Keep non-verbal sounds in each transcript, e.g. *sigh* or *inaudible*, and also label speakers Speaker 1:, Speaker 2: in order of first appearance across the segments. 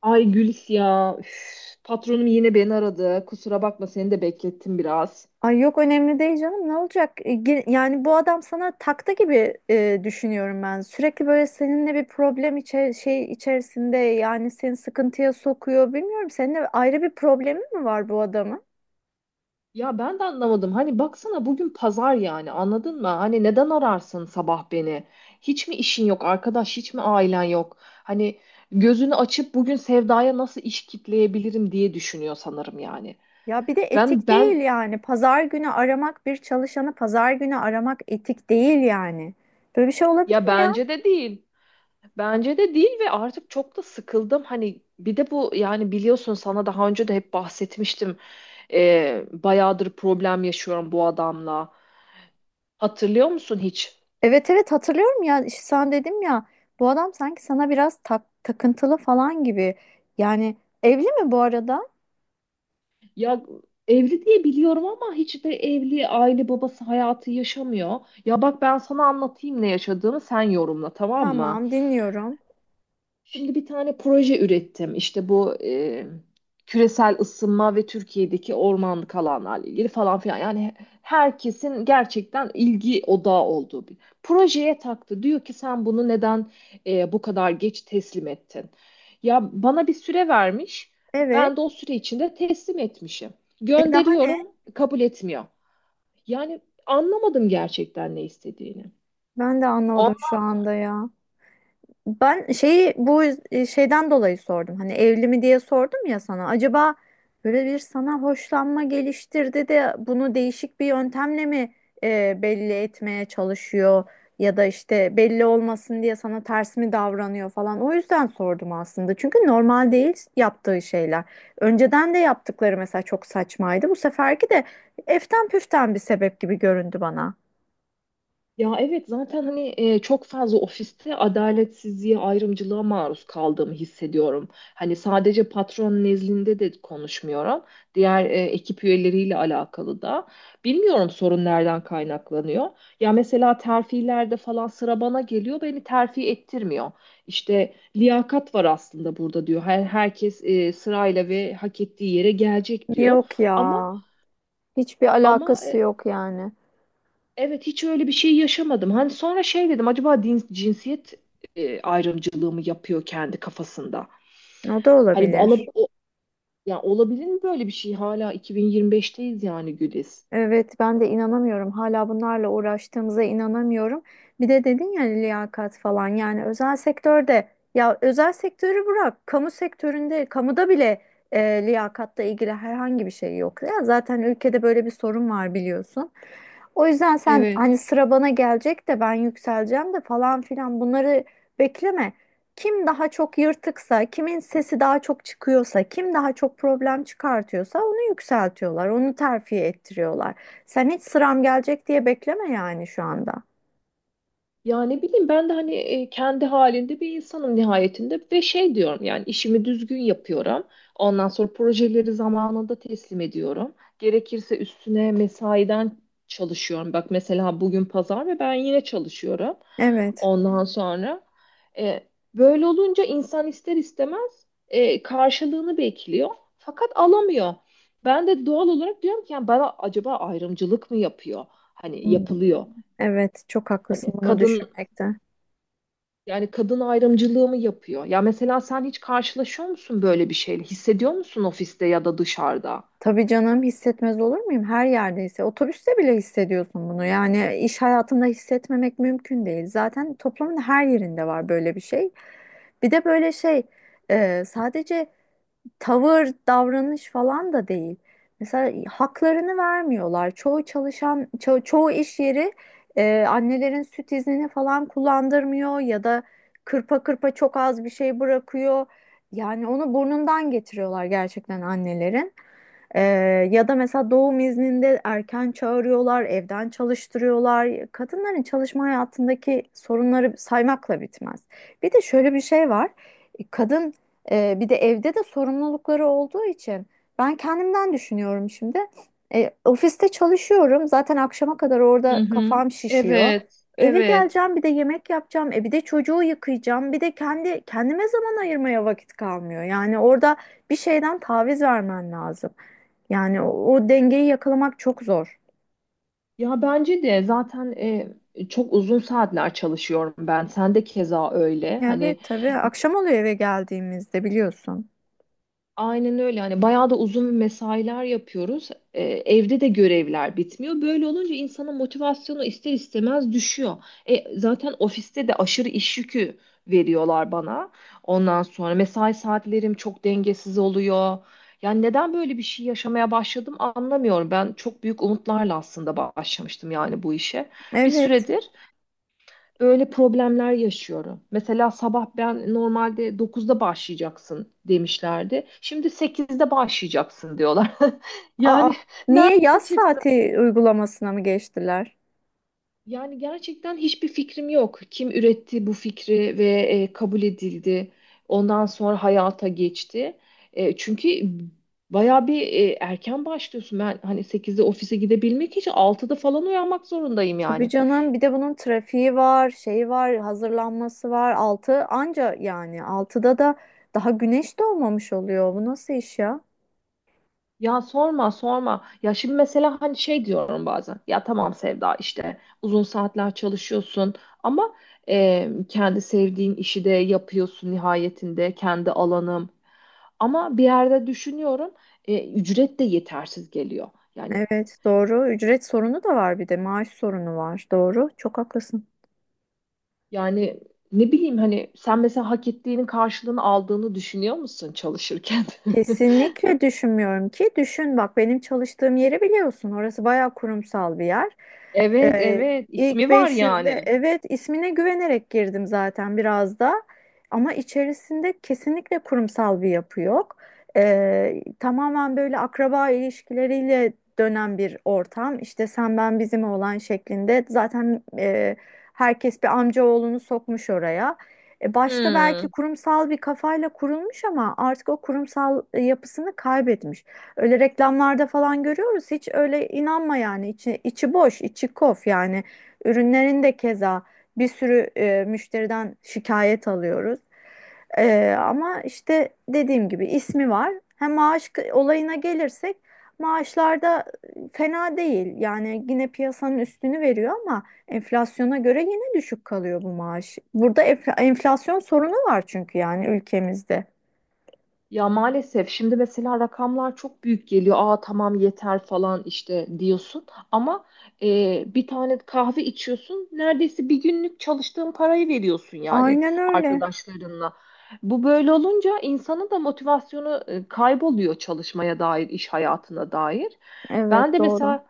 Speaker 1: Ay Gülis ya. Üf, patronum yine beni aradı. Kusura bakma seni de beklettim biraz.
Speaker 2: Ay yok önemli değil canım ne olacak? Yani bu adam sana taktı gibi düşünüyorum ben. Sürekli böyle seninle bir problem şey içerisinde yani seni sıkıntıya sokuyor. Bilmiyorum seninle ayrı bir problemi mi var bu adamın?
Speaker 1: Ya ben de anlamadım. Hani baksana bugün pazar, yani anladın mı? Hani neden ararsın sabah beni? Hiç mi işin yok arkadaş? Hiç mi ailen yok? Hani gözünü açıp bugün Sevda'ya nasıl iş kitleyebilirim diye düşünüyor sanırım yani.
Speaker 2: Ya bir de
Speaker 1: Ben
Speaker 2: etik değil
Speaker 1: ben
Speaker 2: yani. Pazar günü aramak bir çalışanı pazar günü aramak etik değil yani. Böyle bir şey olabilir
Speaker 1: Ya
Speaker 2: mi ya?
Speaker 1: bence de değil. Bence de değil ve artık çok da sıkıldım. Hani bir de bu, yani biliyorsun, sana daha önce de hep bahsetmiştim. Bayağıdır problem yaşıyorum bu adamla. Hatırlıyor musun hiç?
Speaker 2: Evet, evet, hatırlıyorum ya işte sen dedim ya bu adam sanki sana biraz takıntılı falan gibi. Yani evli mi bu arada?
Speaker 1: Ya evli diye biliyorum ama hiç de evli aile babası hayatı yaşamıyor. Ya bak ben sana anlatayım ne yaşadığımı, sen yorumla, tamam mı?
Speaker 2: Tamam, dinliyorum.
Speaker 1: Şimdi bir tane proje ürettim. İşte bu küresel ısınma ve Türkiye'deki ormanlık alanlarla ilgili falan filan. Yani herkesin gerçekten ilgi odağı olduğu bir projeye taktı. Diyor ki sen bunu neden bu kadar geç teslim ettin? Ya bana bir süre vermiş.
Speaker 2: Evet.
Speaker 1: Ben de o süre içinde teslim etmişim.
Speaker 2: E, daha ne?
Speaker 1: Gönderiyorum, kabul etmiyor. Yani anlamadım gerçekten ne istediğini.
Speaker 2: Ben de anlamadım şu anda ya. Ben şeyi bu şeyden dolayı sordum. Hani evli mi diye sordum ya sana. Acaba böyle bir sana hoşlanma geliştirdi de bunu değişik bir yöntemle mi belli etmeye çalışıyor ya da işte belli olmasın diye sana ters mi davranıyor falan. O yüzden sordum aslında. Çünkü normal değil yaptığı şeyler. Önceden de yaptıkları mesela çok saçmaydı. Bu seferki de eften püften bir sebep gibi göründü bana.
Speaker 1: Ya evet, zaten hani çok fazla ofiste adaletsizliğe, ayrımcılığa maruz kaldığımı hissediyorum. Hani sadece patron nezdinde de konuşmuyorum. Diğer ekip üyeleriyle alakalı da. Bilmiyorum sorun nereden kaynaklanıyor. Ya mesela terfilerde falan sıra bana geliyor, beni terfi ettirmiyor. İşte liyakat var aslında burada diyor. Herkes sırayla ve hak ettiği yere gelecek diyor.
Speaker 2: Yok
Speaker 1: Ama
Speaker 2: ya. Hiçbir
Speaker 1: ama
Speaker 2: alakası yok yani.
Speaker 1: Evet, hiç öyle bir şey yaşamadım. Hani sonra şey dedim, acaba cinsiyet ayrımcılığı mı yapıyor kendi kafasında?
Speaker 2: O da
Speaker 1: Hani bu
Speaker 2: olabilir.
Speaker 1: yani olabilir mi böyle bir şey? Hala 2025'teyiz yani, Güliz.
Speaker 2: Evet, ben de inanamıyorum. Hala bunlarla uğraştığımıza inanamıyorum. Bir de dedin ya liyakat falan yani özel sektörde, ya özel sektörü bırak. Kamu sektöründe, kamuda bile liyakatla ilgili herhangi bir şey yok. Ya zaten ülkede böyle bir sorun var, biliyorsun. O yüzden sen hani
Speaker 1: Evet.
Speaker 2: sıra bana gelecek de ben yükseleceğim de falan filan, bunları bekleme. Kim daha çok yırtıksa, kimin sesi daha çok çıkıyorsa, kim daha çok problem çıkartıyorsa onu yükseltiyorlar, onu terfi ettiriyorlar. Sen hiç sıram gelecek diye bekleme yani şu anda.
Speaker 1: Ya ne bileyim, ben de hani kendi halinde bir insanım nihayetinde ve şey diyorum, yani işimi düzgün yapıyorum. Ondan sonra projeleri zamanında teslim ediyorum. Gerekirse üstüne mesaiden çalışıyorum. Bak mesela bugün pazar ve ben yine çalışıyorum.
Speaker 2: Evet.
Speaker 1: Ondan sonra böyle olunca insan ister istemez karşılığını bekliyor fakat alamıyor. Ben de doğal olarak diyorum ki yani bana acaba ayrımcılık mı yapıyor? Hani
Speaker 2: Hmm.
Speaker 1: yapılıyor.
Speaker 2: Evet, çok haklısın
Speaker 1: Hani
Speaker 2: bunu
Speaker 1: kadın,
Speaker 2: düşünmekte.
Speaker 1: yani kadın ayrımcılığı mı yapıyor? Ya mesela sen hiç karşılaşıyor musun böyle bir şeyle? Hissediyor musun ofiste ya da dışarıda?
Speaker 2: Tabii canım, hissetmez olur muyum? Her yerdeyse. Otobüste bile hissediyorsun bunu. Yani iş hayatında hissetmemek mümkün değil. Zaten toplumun her yerinde var böyle bir şey. Bir de böyle şey sadece tavır, davranış falan da değil. Mesela haklarını vermiyorlar. Çoğu çalışan, çoğu iş yeri annelerin süt iznini falan kullandırmıyor ya da kırpa kırpa çok az bir şey bırakıyor. Yani onu burnundan getiriyorlar gerçekten annelerin. Ee, ya da mesela doğum izninde erken çağırıyorlar, evden çalıştırıyorlar. Kadınların çalışma hayatındaki sorunları saymakla bitmez. Bir de şöyle bir şey var. Kadın bir de evde de sorumlulukları olduğu için ben kendimden düşünüyorum şimdi. Ofiste çalışıyorum. Zaten akşama kadar
Speaker 1: Hı
Speaker 2: orada
Speaker 1: hı.
Speaker 2: kafam şişiyor.
Speaker 1: Evet,
Speaker 2: Eve
Speaker 1: evet.
Speaker 2: geleceğim, bir de yemek yapacağım, bir de çocuğu yıkayacağım, bir de kendi kendime zaman ayırmaya vakit kalmıyor. Yani orada bir şeyden taviz vermen lazım. Yani o dengeyi yakalamak çok zor.
Speaker 1: Ya bence de zaten çok uzun saatler çalışıyorum ben. Sen de keza öyle,
Speaker 2: Evet
Speaker 1: hani.
Speaker 2: tabii. Akşam oluyor eve geldiğimizde, biliyorsun.
Speaker 1: Aynen öyle. Hani bayağı da uzun mesailer yapıyoruz. Evde de görevler bitmiyor. Böyle olunca insanın motivasyonu ister istemez düşüyor. Zaten ofiste de aşırı iş yükü veriyorlar bana. Ondan sonra mesai saatlerim çok dengesiz oluyor. Yani neden böyle bir şey yaşamaya başladım anlamıyorum. Ben çok büyük umutlarla aslında başlamıştım yani bu işe. Bir
Speaker 2: Evet.
Speaker 1: süredir böyle problemler yaşıyorum. Mesela sabah ben normalde 9'da başlayacaksın demişlerdi. Şimdi 8'de başlayacaksın diyorlar. *laughs*
Speaker 2: Aa,
Speaker 1: Yani
Speaker 2: niye yaz
Speaker 1: çıktı.
Speaker 2: saati uygulamasına mı geçtiler?
Speaker 1: Yani gerçekten hiçbir fikrim yok. Kim üretti bu fikri ve kabul edildi. Ondan sonra hayata geçti. Çünkü bayağı bir erken başlıyorsun. Ben hani 8'de ofise gidebilmek için 6'da falan uyanmak zorundayım
Speaker 2: Tabii
Speaker 1: yani.
Speaker 2: canım. Bir de bunun trafiği var, şeyi var, hazırlanması var. 6 anca yani 6'da da daha güneş doğmamış oluyor. Bu nasıl iş ya?
Speaker 1: Ya sorma sorma. Ya şimdi mesela hani şey diyorum bazen. Ya tamam Sevda, işte uzun saatler çalışıyorsun ama kendi sevdiğin işi de yapıyorsun nihayetinde, kendi alanım. Ama bir yerde düşünüyorum, ücret de yetersiz geliyor. Yani
Speaker 2: Evet, doğru. Ücret sorunu da var, bir de maaş sorunu var. Doğru. Çok haklısın.
Speaker 1: yani ne bileyim hani, sen mesela hak ettiğinin karşılığını aldığını düşünüyor musun çalışırken? *laughs*
Speaker 2: Kesinlikle düşünmüyorum ki. Düşün bak, benim çalıştığım yeri biliyorsun. Orası bayağı kurumsal bir yer.
Speaker 1: Evet
Speaker 2: Ee,
Speaker 1: evet,
Speaker 2: ilk
Speaker 1: ismi var
Speaker 2: 500'de,
Speaker 1: yani.
Speaker 2: evet, ismine güvenerek girdim zaten biraz da. Ama içerisinde kesinlikle kurumsal bir yapı yok. Tamamen böyle akraba ilişkileriyle dönen bir ortam. İşte sen ben bizim olan şeklinde. Zaten herkes bir amcaoğlunu sokmuş oraya. Başta belki
Speaker 1: Hmm.
Speaker 2: kurumsal bir kafayla kurulmuş ama artık o kurumsal yapısını kaybetmiş. Öyle reklamlarda falan görüyoruz. Hiç öyle inanma yani. İçi boş, içi kof yani. Ürünlerin de keza bir sürü müşteriden şikayet alıyoruz. Ama işte dediğim gibi ismi var. Hem maaş olayına gelirsek, maaşlarda fena değil. Yani yine piyasanın üstünü veriyor ama enflasyona göre yine düşük kalıyor bu maaş. Burada enflasyon sorunu var çünkü yani, ülkemizde.
Speaker 1: Ya maalesef şimdi mesela rakamlar çok büyük geliyor. Aa tamam yeter falan işte diyorsun. Ama bir tane kahve içiyorsun. Neredeyse bir günlük çalıştığın parayı veriyorsun yani,
Speaker 2: Aynen öyle.
Speaker 1: arkadaşlarınla. Bu böyle olunca insanın da motivasyonu kayboluyor çalışmaya dair, iş hayatına dair. Ben
Speaker 2: Evet
Speaker 1: de
Speaker 2: doğru.
Speaker 1: mesela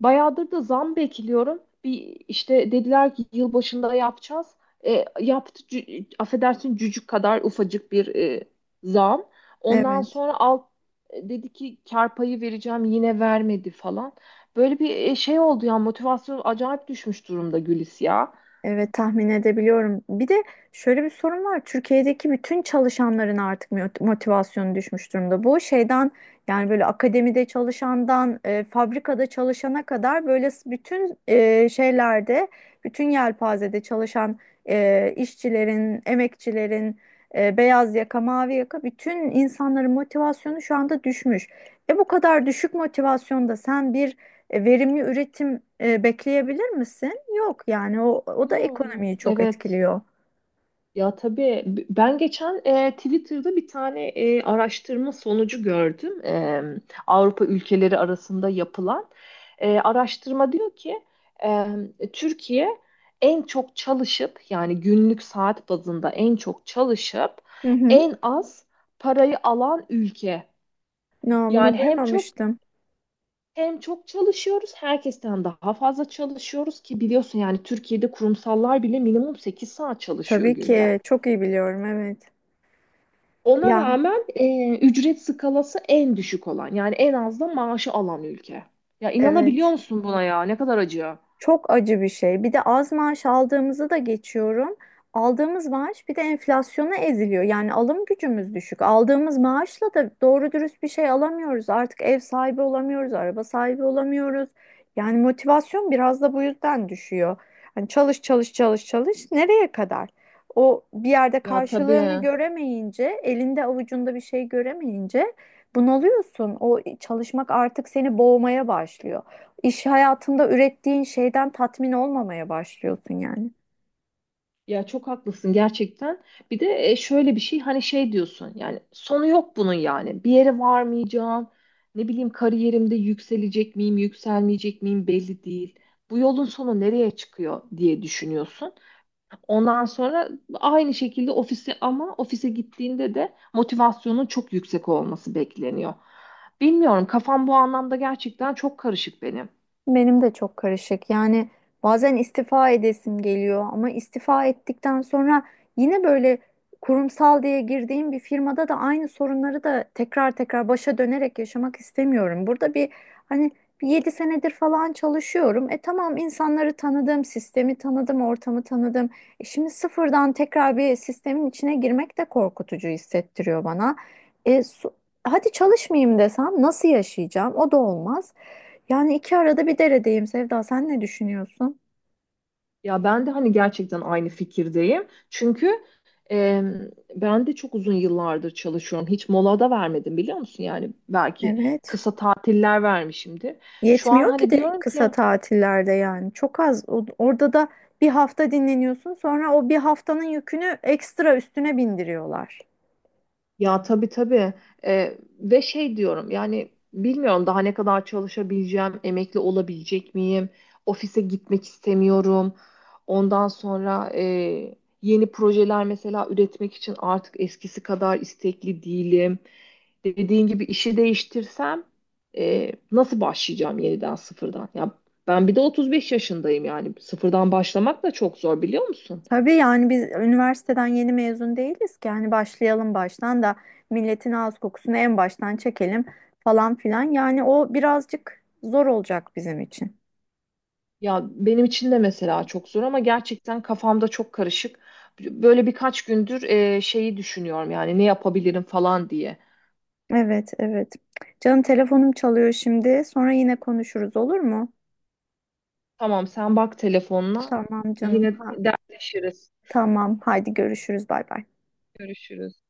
Speaker 1: bayağıdır da zam bekliyorum. Bir, işte dediler ki yılbaşında yapacağız. Yaptı affedersin cücük kadar ufacık bir zam. Ondan
Speaker 2: Evet.
Speaker 1: sonra dedi ki kar payı vereceğim, yine vermedi falan. Böyle bir şey oldu ya, motivasyon acayip düşmüş durumda Gülis ya.
Speaker 2: Evet, tahmin edebiliyorum. Bir de şöyle bir sorun var. Türkiye'deki bütün çalışanların artık motivasyonu düşmüş durumda. Bu şeyden yani böyle akademide çalışandan fabrikada çalışana kadar, böyle bütün şeylerde, bütün yelpazede çalışan işçilerin, emekçilerin, beyaz yaka, mavi yaka bütün insanların motivasyonu şu anda düşmüş. Bu kadar düşük motivasyonda sen bir verimli üretim bekleyebilir misin? Yok yani o da
Speaker 1: Yani.
Speaker 2: ekonomiyi çok
Speaker 1: Evet.
Speaker 2: etkiliyor.
Speaker 1: Ya tabii, ben geçen Twitter'da bir tane araştırma sonucu gördüm. Avrupa ülkeleri arasında yapılan araştırma diyor ki Türkiye en çok çalışıp, yani günlük saat bazında en çok çalışıp
Speaker 2: Hı hı.
Speaker 1: en az parayı alan ülke.
Speaker 2: Ya, bunu
Speaker 1: Yani
Speaker 2: duymamıştım.
Speaker 1: hem çok çalışıyoruz, herkesten daha fazla çalışıyoruz ki biliyorsun, yani Türkiye'de kurumsallar bile minimum 8 saat çalışıyor
Speaker 2: Tabii
Speaker 1: günde.
Speaker 2: ki çok iyi biliyorum, evet.
Speaker 1: Ona
Speaker 2: Ya
Speaker 1: rağmen ücret skalası en düşük olan, yani en az da maaşı alan ülke. Ya inanabiliyor
Speaker 2: evet.
Speaker 1: musun buna ya? Ne kadar acı.
Speaker 2: Çok acı bir şey. Bir de az maaş aldığımızı da geçiyorum. Aldığımız maaş bir de enflasyona eziliyor. Yani alım gücümüz düşük. Aldığımız maaşla da doğru dürüst bir şey alamıyoruz. Artık ev sahibi olamıyoruz, araba sahibi olamıyoruz. Yani motivasyon biraz da bu yüzden düşüyor. Hani çalış çalış çalış çalış, nereye kadar? O bir yerde
Speaker 1: Ya
Speaker 2: karşılığını
Speaker 1: tabii.
Speaker 2: göremeyince, elinde avucunda bir şey göremeyince bunalıyorsun. O çalışmak artık seni boğmaya başlıyor, iş hayatında ürettiğin şeyden tatmin olmamaya başlıyorsun yani.
Speaker 1: Ya çok haklısın gerçekten. Bir de şöyle bir şey, hani şey diyorsun, yani sonu yok bunun yani. Bir yere varmayacağım. Ne bileyim kariyerimde yükselecek miyim, yükselmeyecek miyim belli değil. Bu yolun sonu nereye çıkıyor diye düşünüyorsun. Ondan sonra aynı şekilde ofise gittiğinde de motivasyonun çok yüksek olması bekleniyor. Bilmiyorum, kafam bu anlamda gerçekten çok karışık benim.
Speaker 2: Benim de çok karışık. Yani bazen istifa edesim geliyor ama istifa ettikten sonra yine böyle kurumsal diye girdiğim bir firmada da aynı sorunları da tekrar tekrar başa dönerek yaşamak istemiyorum. Burada bir, hani bir 7 senedir falan çalışıyorum. Tamam insanları tanıdım, sistemi tanıdım, ortamı tanıdım. Şimdi sıfırdan tekrar bir sistemin içine girmek de korkutucu hissettiriyor bana. E, su- hadi çalışmayayım desem nasıl yaşayacağım? O da olmaz. Yani iki arada bir deredeyim Sevda. Sen ne düşünüyorsun?
Speaker 1: Ya ben de hani gerçekten aynı fikirdeyim. Çünkü e, ben de çok uzun yıllardır çalışıyorum. Hiç mola da vermedim, biliyor musun? Yani belki
Speaker 2: Evet.
Speaker 1: kısa tatiller vermişimdir. Şu an
Speaker 2: Yetmiyor ki
Speaker 1: hani
Speaker 2: de
Speaker 1: diyorum
Speaker 2: kısa
Speaker 1: ki.
Speaker 2: tatillerde yani. Çok az. Orada da bir hafta dinleniyorsun. Sonra o bir haftanın yükünü ekstra üstüne bindiriyorlar.
Speaker 1: Ya tabii tabii. Ve şey diyorum yani, bilmiyorum daha ne kadar çalışabileceğim, emekli olabilecek miyim, ofise gitmek istemiyorum. Ondan sonra yeni projeler mesela üretmek için artık eskisi kadar istekli değilim. Dediğin gibi işi değiştirsem, nasıl başlayacağım yeniden sıfırdan? Ya ben bir de 35 yaşındayım, yani sıfırdan başlamak da çok zor, biliyor musun?
Speaker 2: Tabii yani biz üniversiteden yeni mezun değiliz ki. Yani başlayalım baştan da milletin ağız kokusunu en baştan çekelim falan filan. Yani o birazcık zor olacak bizim için.
Speaker 1: Ya benim için de mesela çok zor ama gerçekten kafamda çok karışık. Böyle birkaç gündür şeyi düşünüyorum yani, ne yapabilirim falan diye.
Speaker 2: Evet, evet. Canım telefonum çalıyor şimdi. Sonra yine konuşuruz, olur mu?
Speaker 1: Tamam sen bak telefonla,
Speaker 2: Tamam canım.
Speaker 1: yine
Speaker 2: Ha,
Speaker 1: dertleşiriz,
Speaker 2: tamam. Haydi görüşürüz. Bay bay.
Speaker 1: görüşürüz.